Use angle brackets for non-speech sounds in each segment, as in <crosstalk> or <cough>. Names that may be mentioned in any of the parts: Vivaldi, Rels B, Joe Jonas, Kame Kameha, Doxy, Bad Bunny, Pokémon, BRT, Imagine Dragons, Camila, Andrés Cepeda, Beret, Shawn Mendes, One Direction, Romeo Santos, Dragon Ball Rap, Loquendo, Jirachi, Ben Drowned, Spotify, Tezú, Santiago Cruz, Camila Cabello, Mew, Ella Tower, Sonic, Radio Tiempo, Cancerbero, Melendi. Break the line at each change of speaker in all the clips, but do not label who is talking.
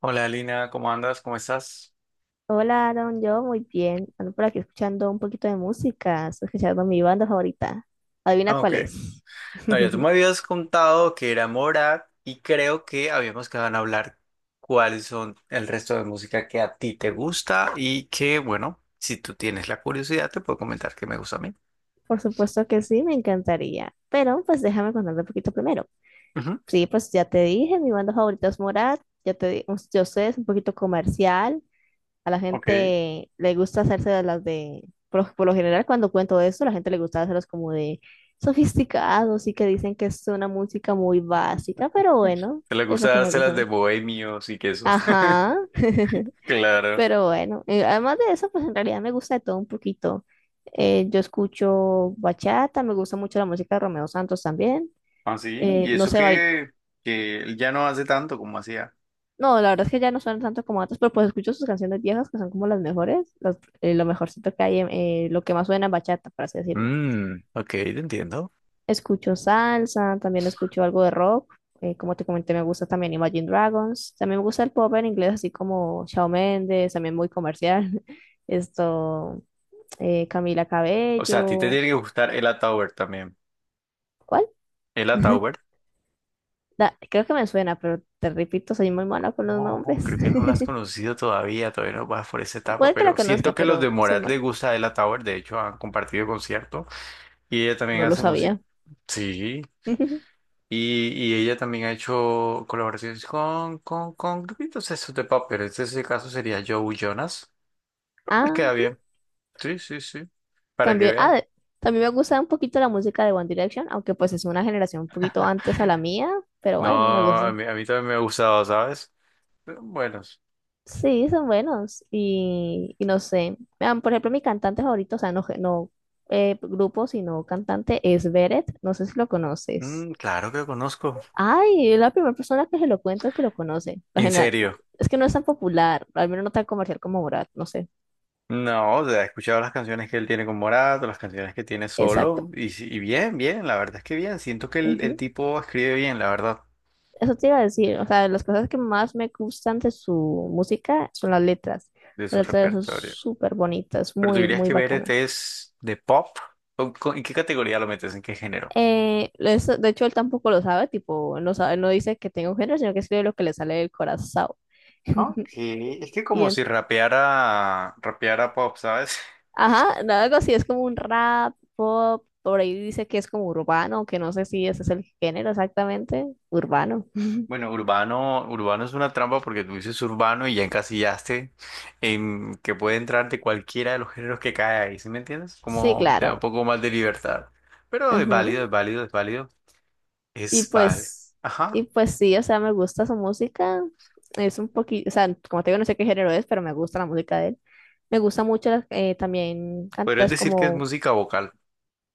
Hola, Lina, ¿cómo andas? ¿Cómo estás?
Hola, Aaron, yo muy bien. Ando por aquí escuchando un poquito de música. Estoy escuchando mi banda favorita. Adivina
Ah, ok.
cuál es.
No, ya tú
<laughs>
me habías contado que era Morat y creo que habíamos quedado en hablar cuáles son el resto de música que a ti te gusta y que, bueno, si tú tienes la curiosidad, te puedo comentar que me gusta a mí.
Por supuesto que sí, me encantaría. Pero pues déjame contarte un poquito primero.
Ujú.
Sí, pues ya te dije, mi banda favorita es Morat. Ya te di, yo sé, es un poquito comercial. A la
Ok. Te
gente le gusta hacerse de las de, por lo general cuando cuento eso, la gente le gusta hacerlos como de sofisticados y que dicen que es una música muy básica, pero bueno,
le
es
gusta
lo que me gusta a
dárselas de
mí.
bohemios y que eso. <laughs>
Ajá, <laughs>
Claro.
pero bueno, además de eso, pues en realidad me gusta de todo un poquito. Yo escucho bachata, me gusta mucho la música de Romeo Santos también.
Ah, sí.
Eh,
Y
no
eso
sé
que, que él ya no hace tanto como hacía.
no, la verdad es que ya no suenan tanto como antes, pero pues escucho sus canciones viejas que son como las mejores, lo mejorcito que hay, lo que más suena en bachata, por así decirlo.
Mm, ok, te entiendo.
Escucho salsa, también escucho algo de rock, como te comenté, me gusta también Imagine Dragons, también me gusta el pop en inglés, así como Shawn Mendes, también muy comercial, <laughs> esto, Camila
O sea, a ti te
Cabello,
tiene que gustar el Tower también.
¿cuál?
El
<laughs>
Tower.
Creo que me suena, pero te repito, soy muy mala con los
No,
nombres.
creo que no la has
<laughs>
conocido todavía, todavía no vas por esa etapa,
Puede que la
pero siento
conozca,
que los de
pero soy
Morat les
mala,
gusta Ella Tower, de hecho han compartido concierto y ella también
no lo
hace música,
sabía.
sí,
<laughs>
y, y ella también ha hecho colaboraciones con grupitos esos de pop, pero este ese caso sería Joe Jonas, les queda
Ah.
bien, sí, sí, sí, para que
También,
veas.
también me gusta un poquito la música de One Direction, aunque pues es una generación un poquito antes a la mía, pero
No,
bueno, me
a
gusta.
mí, a mí también me ha gustado, ¿sabes? Pero buenos.
Sí, son buenos y no sé. Vean, por ejemplo, mi cantante favorito, o sea, no, no grupo, sino cantante, es Beret. No sé si lo conoces.
Mm, claro que conozco,
Ay, es la primera persona que se lo cuento que lo conoce. Por
en
general,
serio.
es que no es tan popular, al menos no tan comercial como Morat, no sé.
No, o sea, he escuchado las canciones que él tiene con Morato, las canciones que tiene
Exacto.
solo, y, y bien, bien, la verdad es que bien. Siento que el tipo escribe bien, la verdad,
Eso te iba a decir, o sea, las cosas que más me gustan de su música son las letras.
de su
Las letras son
repertorio.
súper bonitas,
Pero tú
muy,
dirías
muy
que
bacanas.
BRT es de pop, en qué categoría lo metes? ¿En qué género?
De hecho, él tampoco lo sabe, tipo, no sabe, no dice que tenga un género, sino que escribe lo que le sale del corazón.
Ok,
<laughs>
es que
Y
como
en-
si rapeara pop, ¿sabes?
ajá, no, algo así, es como un rap, pop, por ahí dice que es como urbano, que no sé si ese es el género exactamente, urbano. <laughs>
Bueno, urbano es una trampa porque tú dices urbano y ya encasillaste en que puede entrar de cualquiera de los géneros que cae ahí, ¿sí me entiendes?
Sí,
Como te da un
claro.
poco más de libertad. Pero es
Ujú.
es válido.
Y
Es válido.
pues, y
Ajá.
pues sí, o sea, me gusta su música. Es un poquito, o sea, como te digo, no sé qué género es, pero me gusta la música de él. Me gusta mucho también
Podrías
cantantes
decir que es
como,
música vocal.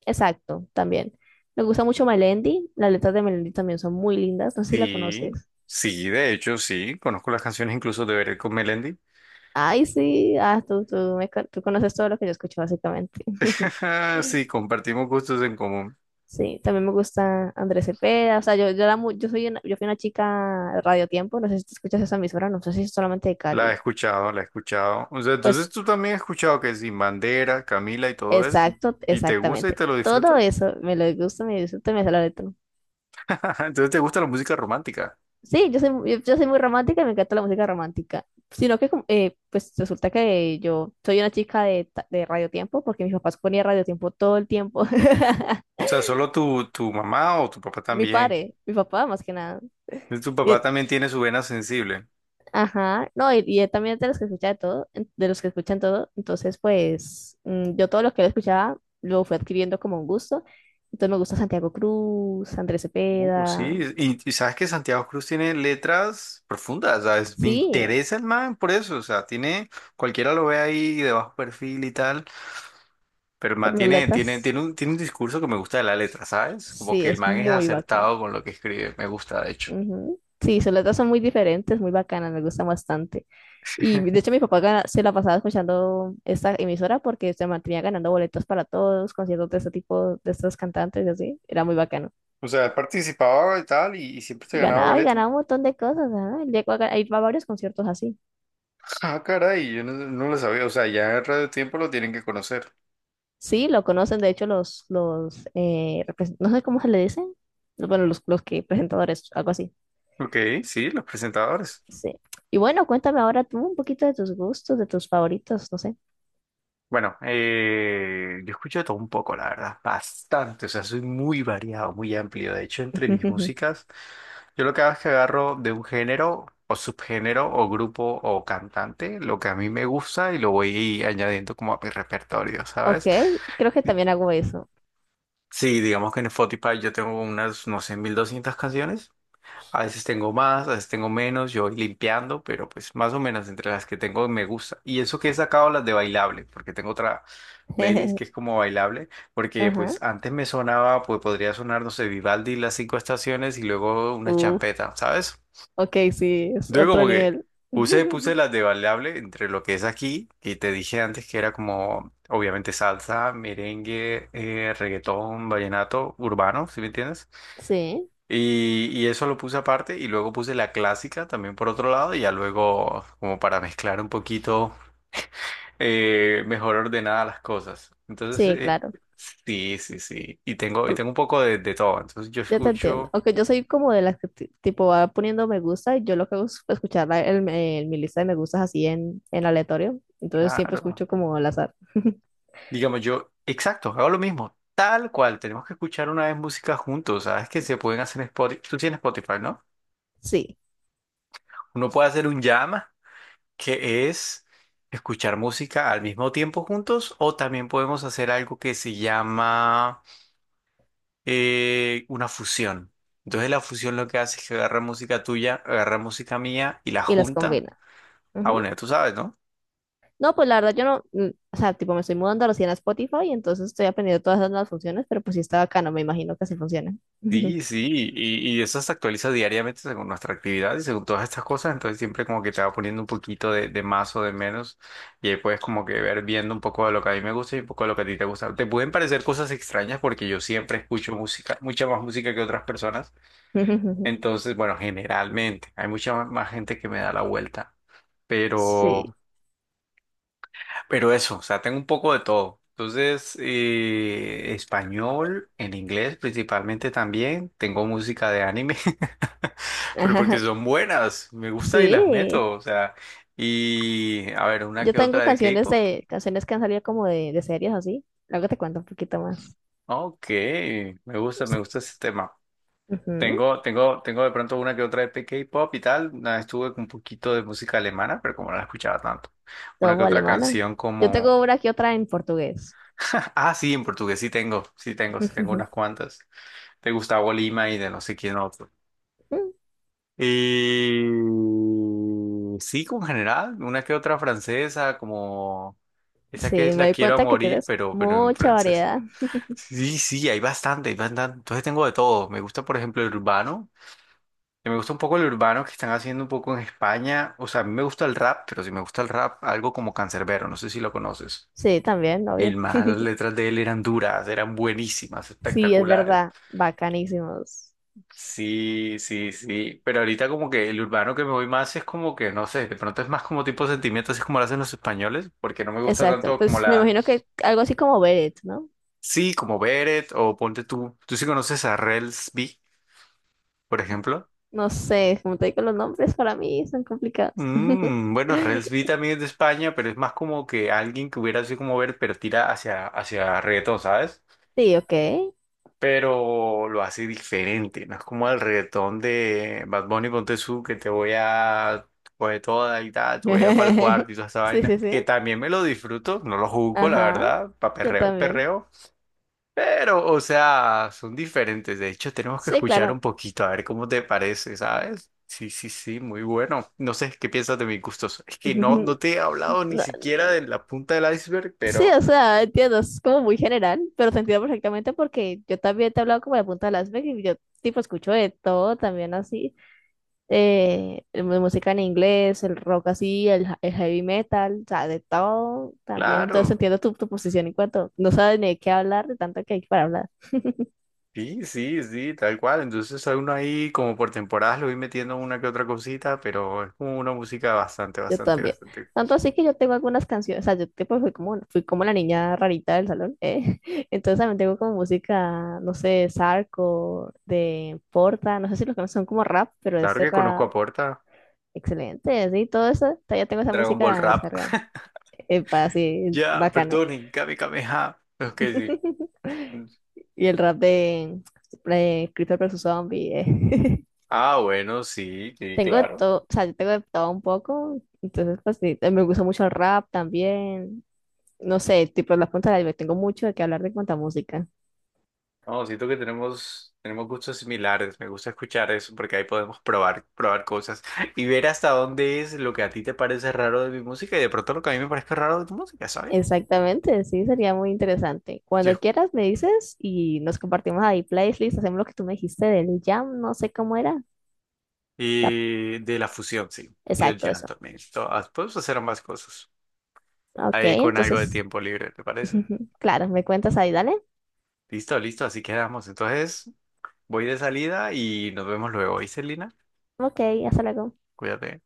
exacto, también. Me gusta mucho Melendi. Las letras de Melendi también son muy lindas. No sé si la
Sí,
conoces.
sí, de hecho, sí. Conozco las canciones incluso de Veré con Melendi.
Ay, sí, ah, tú conoces todo lo que yo escucho, básicamente. <laughs>
<laughs> Sí, compartimos gustos en común.
Sí, también me gusta Andrés Cepeda. O sea, era yo, soy una, yo fui una chica de Radio Tiempo. No sé si te escuchas esa emisora, no sé si es solamente de
La he
Cali.
escuchado, la he escuchado. O sea, entonces
Pues
tú también has escuchado que Sin Bandera, Camila y todo eso.
exacto,
¿Y te gusta y
exactamente.
te lo
Todo
disfrutas?
eso me lo gusta, me disfruto, y me sale la letra.
<laughs> Ajá, entonces te gusta la música romántica.
Sí, yo soy, yo soy muy romántica, me encanta la música romántica. Sino que, pues resulta que yo soy una chica de, de Radio Tiempo, porque mis papás ponían Radio Tiempo todo el tiempo. <laughs>
O sea, ¿solo tu, tu mamá o tu papá
Mi
también?
padre, mi papá más que nada.
Entonces, tu papá
Y-
también tiene su vena sensible.
ajá, no, y él también es de los que escucha de todo, de los que escuchan todo. Entonces, pues yo todo lo que él escuchaba lo fui adquiriendo como un gusto. Entonces me gusta Santiago Cruz, Andrés
Oh,
Cepeda,
sí, y sabes que Santiago Cruz tiene letras profundas, ¿sabes? Me
sí,
interesa el man por eso, o sea, tiene, cualquiera lo ve ahí de bajo perfil y tal, pero el man
pero los latas
tiene un discurso que me gusta de la letra, ¿sabes? Como
sí,
que el
es
man es
muy bacano.
acertado con lo que escribe, me gusta de hecho.
Ujú. Sí, sus latas son muy diferentes, muy bacanas, me gustan bastante. Y de hecho mi papá se la pasaba escuchando esta emisora porque se mantenía ganando boletos para todos, conciertos de este tipo, de estos cantantes y así. Era muy bacano.
O sea, él participaba y tal, y siempre se
Y
ganaba
ganaba y
boletos.
ganaba un
<laughs>
montón de cosas. Ajá, llegó a, a ir a varios conciertos así.
Ah, caray, yo no lo sabía. O sea, ya en Radio Tiempo lo tienen que conocer.
Sí, lo conocen, de hecho, los no sé cómo se le dicen. Bueno, los que presentadores, algo así.
Ok, sí, los presentadores.
Sí. Y bueno, cuéntame ahora tú un poquito de tus gustos, de tus favoritos, no sé.
Bueno, yo escucho de todo un poco, la verdad, bastante. O sea, soy muy variado, muy amplio. De hecho, entre mis
<laughs>
músicas, yo lo que hago es que agarro de un género o subgénero o grupo o cantante lo que a mí me gusta y lo voy añadiendo como a mi repertorio,
Ok,
¿sabes?
creo que también hago eso.
Sí, digamos que en Spotify yo tengo unas, no sé, 1200 canciones. A veces tengo más, a veces tengo menos, yo voy limpiando, pero pues más o menos entre las que tengo me gusta. Y eso que he sacado las de bailable, porque tengo otra playlist que es
<laughs>
como bailable, porque
Ajá.
pues antes me sonaba, pues podría sonar, no sé, Vivaldi, las cinco estaciones y luego una
Uh,
champeta, ¿sabes?
ok, sí, es
Entonces
otro
como que
nivel.
puse
<laughs>
las de bailable entre lo que es aquí, y te dije antes que era como, obviamente, salsa, merengue, reggaetón, vallenato, urbano, ¿sí me entiendes?
Sí,
Y eso lo puse aparte y luego puse la clásica también por otro lado y ya luego como para mezclar un poquito mejor ordenadas las cosas. Entonces,
sí, claro.
sí, sí, sí. Y tengo, y
Por-
tengo un poco de todo. Entonces yo
Yo te entiendo.
escucho,
Aunque yo soy como de las que tipo va poniendo me gusta y yo lo que hago es escuchar mi lista de me gustas así en, aleatorio. Entonces siempre
claro,
escucho como al azar. <laughs>
digamos yo, exacto, hago lo mismo, tal cual. Tenemos que escuchar una vez música juntos, ¿sabes? Que se pueden hacer en Spotify. Tú tienes Spotify, ¿no?
Sí.
Uno puede hacer un jam que es escuchar música al mismo tiempo juntos o también podemos hacer algo que se llama una fusión. Entonces la fusión lo que hace es que agarra música tuya, agarra música mía y la
Y las
junta.
combina.
Ah,
Ujú.
bueno, ya tú sabes, ¿no?
No, pues la verdad yo no, o sea, tipo me estoy mudando recién a Spotify, entonces estoy aprendiendo todas las nuevas funciones, pero pues sí está bacano, me imagino que así funciona.
Sí, sí, y eso se actualiza diariamente según nuestra actividad y según todas estas cosas, entonces siempre como que te va poniendo un poquito de más o de menos y ahí puedes como que ver viendo un poco de lo que a mí me gusta y un poco de lo que a ti te gusta. Te pueden parecer cosas extrañas porque yo siempre escucho música, mucha más música que otras personas,
<laughs>
entonces bueno, generalmente hay mucha más gente que me da la vuelta, pero...
Sí,
Pero eso, o sea, tengo un poco de todo. Entonces, español, en inglés principalmente también. Tengo música de anime, <laughs> pero porque
<laughs>
son buenas, me gusta y las
sí.
meto. O sea, y a ver, una
Yo
que
tengo
otra de
canciones
K-pop.
de, canciones que han salido como de series así. Luego te cuento un poquito más.
Ok, me
Sí.
gusta ese tema.
Ujú.
Tengo de pronto una que otra de K-pop y tal. Una vez estuve con un poquito de música alemana, pero como no la escuchaba tanto. Una que
Todo
otra
alemana.
canción
Yo
como...
tengo una aquí otra en portugués.
<laughs> Ah, sí, en portugués sí tengo unas
<laughs>
cuantas. De Gustavo Lima y de no sé quién otro. Y sí, con general, una que otra francesa, como esa que
Sí,
es
me
La
di
quiero a
cuenta que
morir,
tienes
pero en
mucha
francés.
variedad.
Sí, sí, hay bastante, hay bastante. Entonces tengo de todo. Me gusta, por ejemplo, el urbano. Y me gusta un poco el urbano que están haciendo un poco en España. O sea, a mí me gusta el rap, pero si me gusta el rap, algo como Cancerbero no sé si lo conoces.
Sí, también,
El
obvio.
man, las letras de él eran duras, eran buenísimas,
Sí, es
espectaculares.
verdad, bacanísimos.
Sí, sí, sí. Pero ahorita como que el urbano que me voy más es como que, no sé, de pronto es más como tipo sentimiento, así como lo hacen los españoles, porque no me gusta
Exacto,
tanto como
pues me
la...
imagino que algo así como Beret, ¿no?
Sí, como Beret o ponte tú. ¿Tú sí conoces a Rels B, por ejemplo?
No sé, como te digo, los nombres para mí son complicados.
Mm, bueno, Rels B
<laughs>
también es de España, pero es más como que alguien que hubiera así como Beret, pero tira hacia reggaetón, ¿sabes?
Sí, ok.
Pero lo hace diferente. No es como el reggaetón de Bad Bunny con Tezú, que te voy a coger toda y tal, te voy a para el cuarto
<laughs>
y toda esa
Sí,
vaina,
sí,
que
sí.
también me lo disfruto, no lo juzgo, la
Ajá,
verdad, para
yo
perreo y
también.
perreo, pero, o sea, son diferentes. De hecho, tenemos que
Sí,
escuchar
claro.
un poquito, a ver cómo te parece, ¿sabes? Sí, sí, sí, muy bueno. No sé qué piensas de mis gustos. Es que no
<laughs>
te he hablado ni
No,
siquiera de la punta del iceberg,
sí,
pero
o sea, entiendo, es como muy general, pero te entiendo perfectamente porque yo también te he hablado como de la punta de las vegas y yo tipo escucho de todo también así, el música en inglés, el rock así, el, el heavy metal, o sea, de todo también, entonces
claro.
entiendo tu posición en cuanto no sabes ni de qué hablar, de tanto que hay para hablar. <laughs>
Sí, sí, sí, tal cual. Entonces a uno ahí como por temporadas lo voy metiendo una que otra cosita, pero es como una música
Yo también.
bastante.
Tanto así que yo tengo algunas canciones, o sea, yo tipo fui como la niña rarita del salón, ¿eh? <laughs> Entonces también tengo como música, no sé, Sarco, de Porta, no sé si los que son como rap, pero
Claro
este
que conozco
rap
a Porta.
excelente, sí, todo eso, todavía tengo esa
Dragon Ball
música
Rap.
descargada,
<laughs>
para así,
Ya,
bacana.
perdonen, Kame Kameha. Ok, sí.
<laughs> Y el rap de, Creeper versus Zombie,
Ah, bueno, sí,
<laughs>
sí,
Tengo de
claro.
todo, o sea, yo tengo de todo un poco, entonces pues sí, me gusta mucho el rap también no sé, tipo las puntas del iceberg. Tengo mucho de qué hablar de cuánta música.
No, siento que tenemos gustos similares. Me gusta escuchar eso porque ahí podemos probar cosas <laughs> y ver hasta dónde es lo que a ti te parece raro de mi música y de pronto lo que a mí me parece raro de tu música, ¿sabes?
Exactamente, sí, sería muy interesante. Cuando
Yo
quieras me dices y nos compartimos ahí playlist, hacemos lo que tú me dijiste del jam, no sé cómo era. La-
Y de la fusión, sí. Y del
Exacto, eso.
llanto también. Podemos hacer ambas cosas.
Ok,
Ahí con algo de
entonces,
tiempo libre, ¿te parece?
<laughs> claro, me cuentas ahí, dale.
Listo, listo, así quedamos. Entonces, voy de salida y nos vemos luego, ¿y Celina?
Ok, hasta luego.
Cuídate.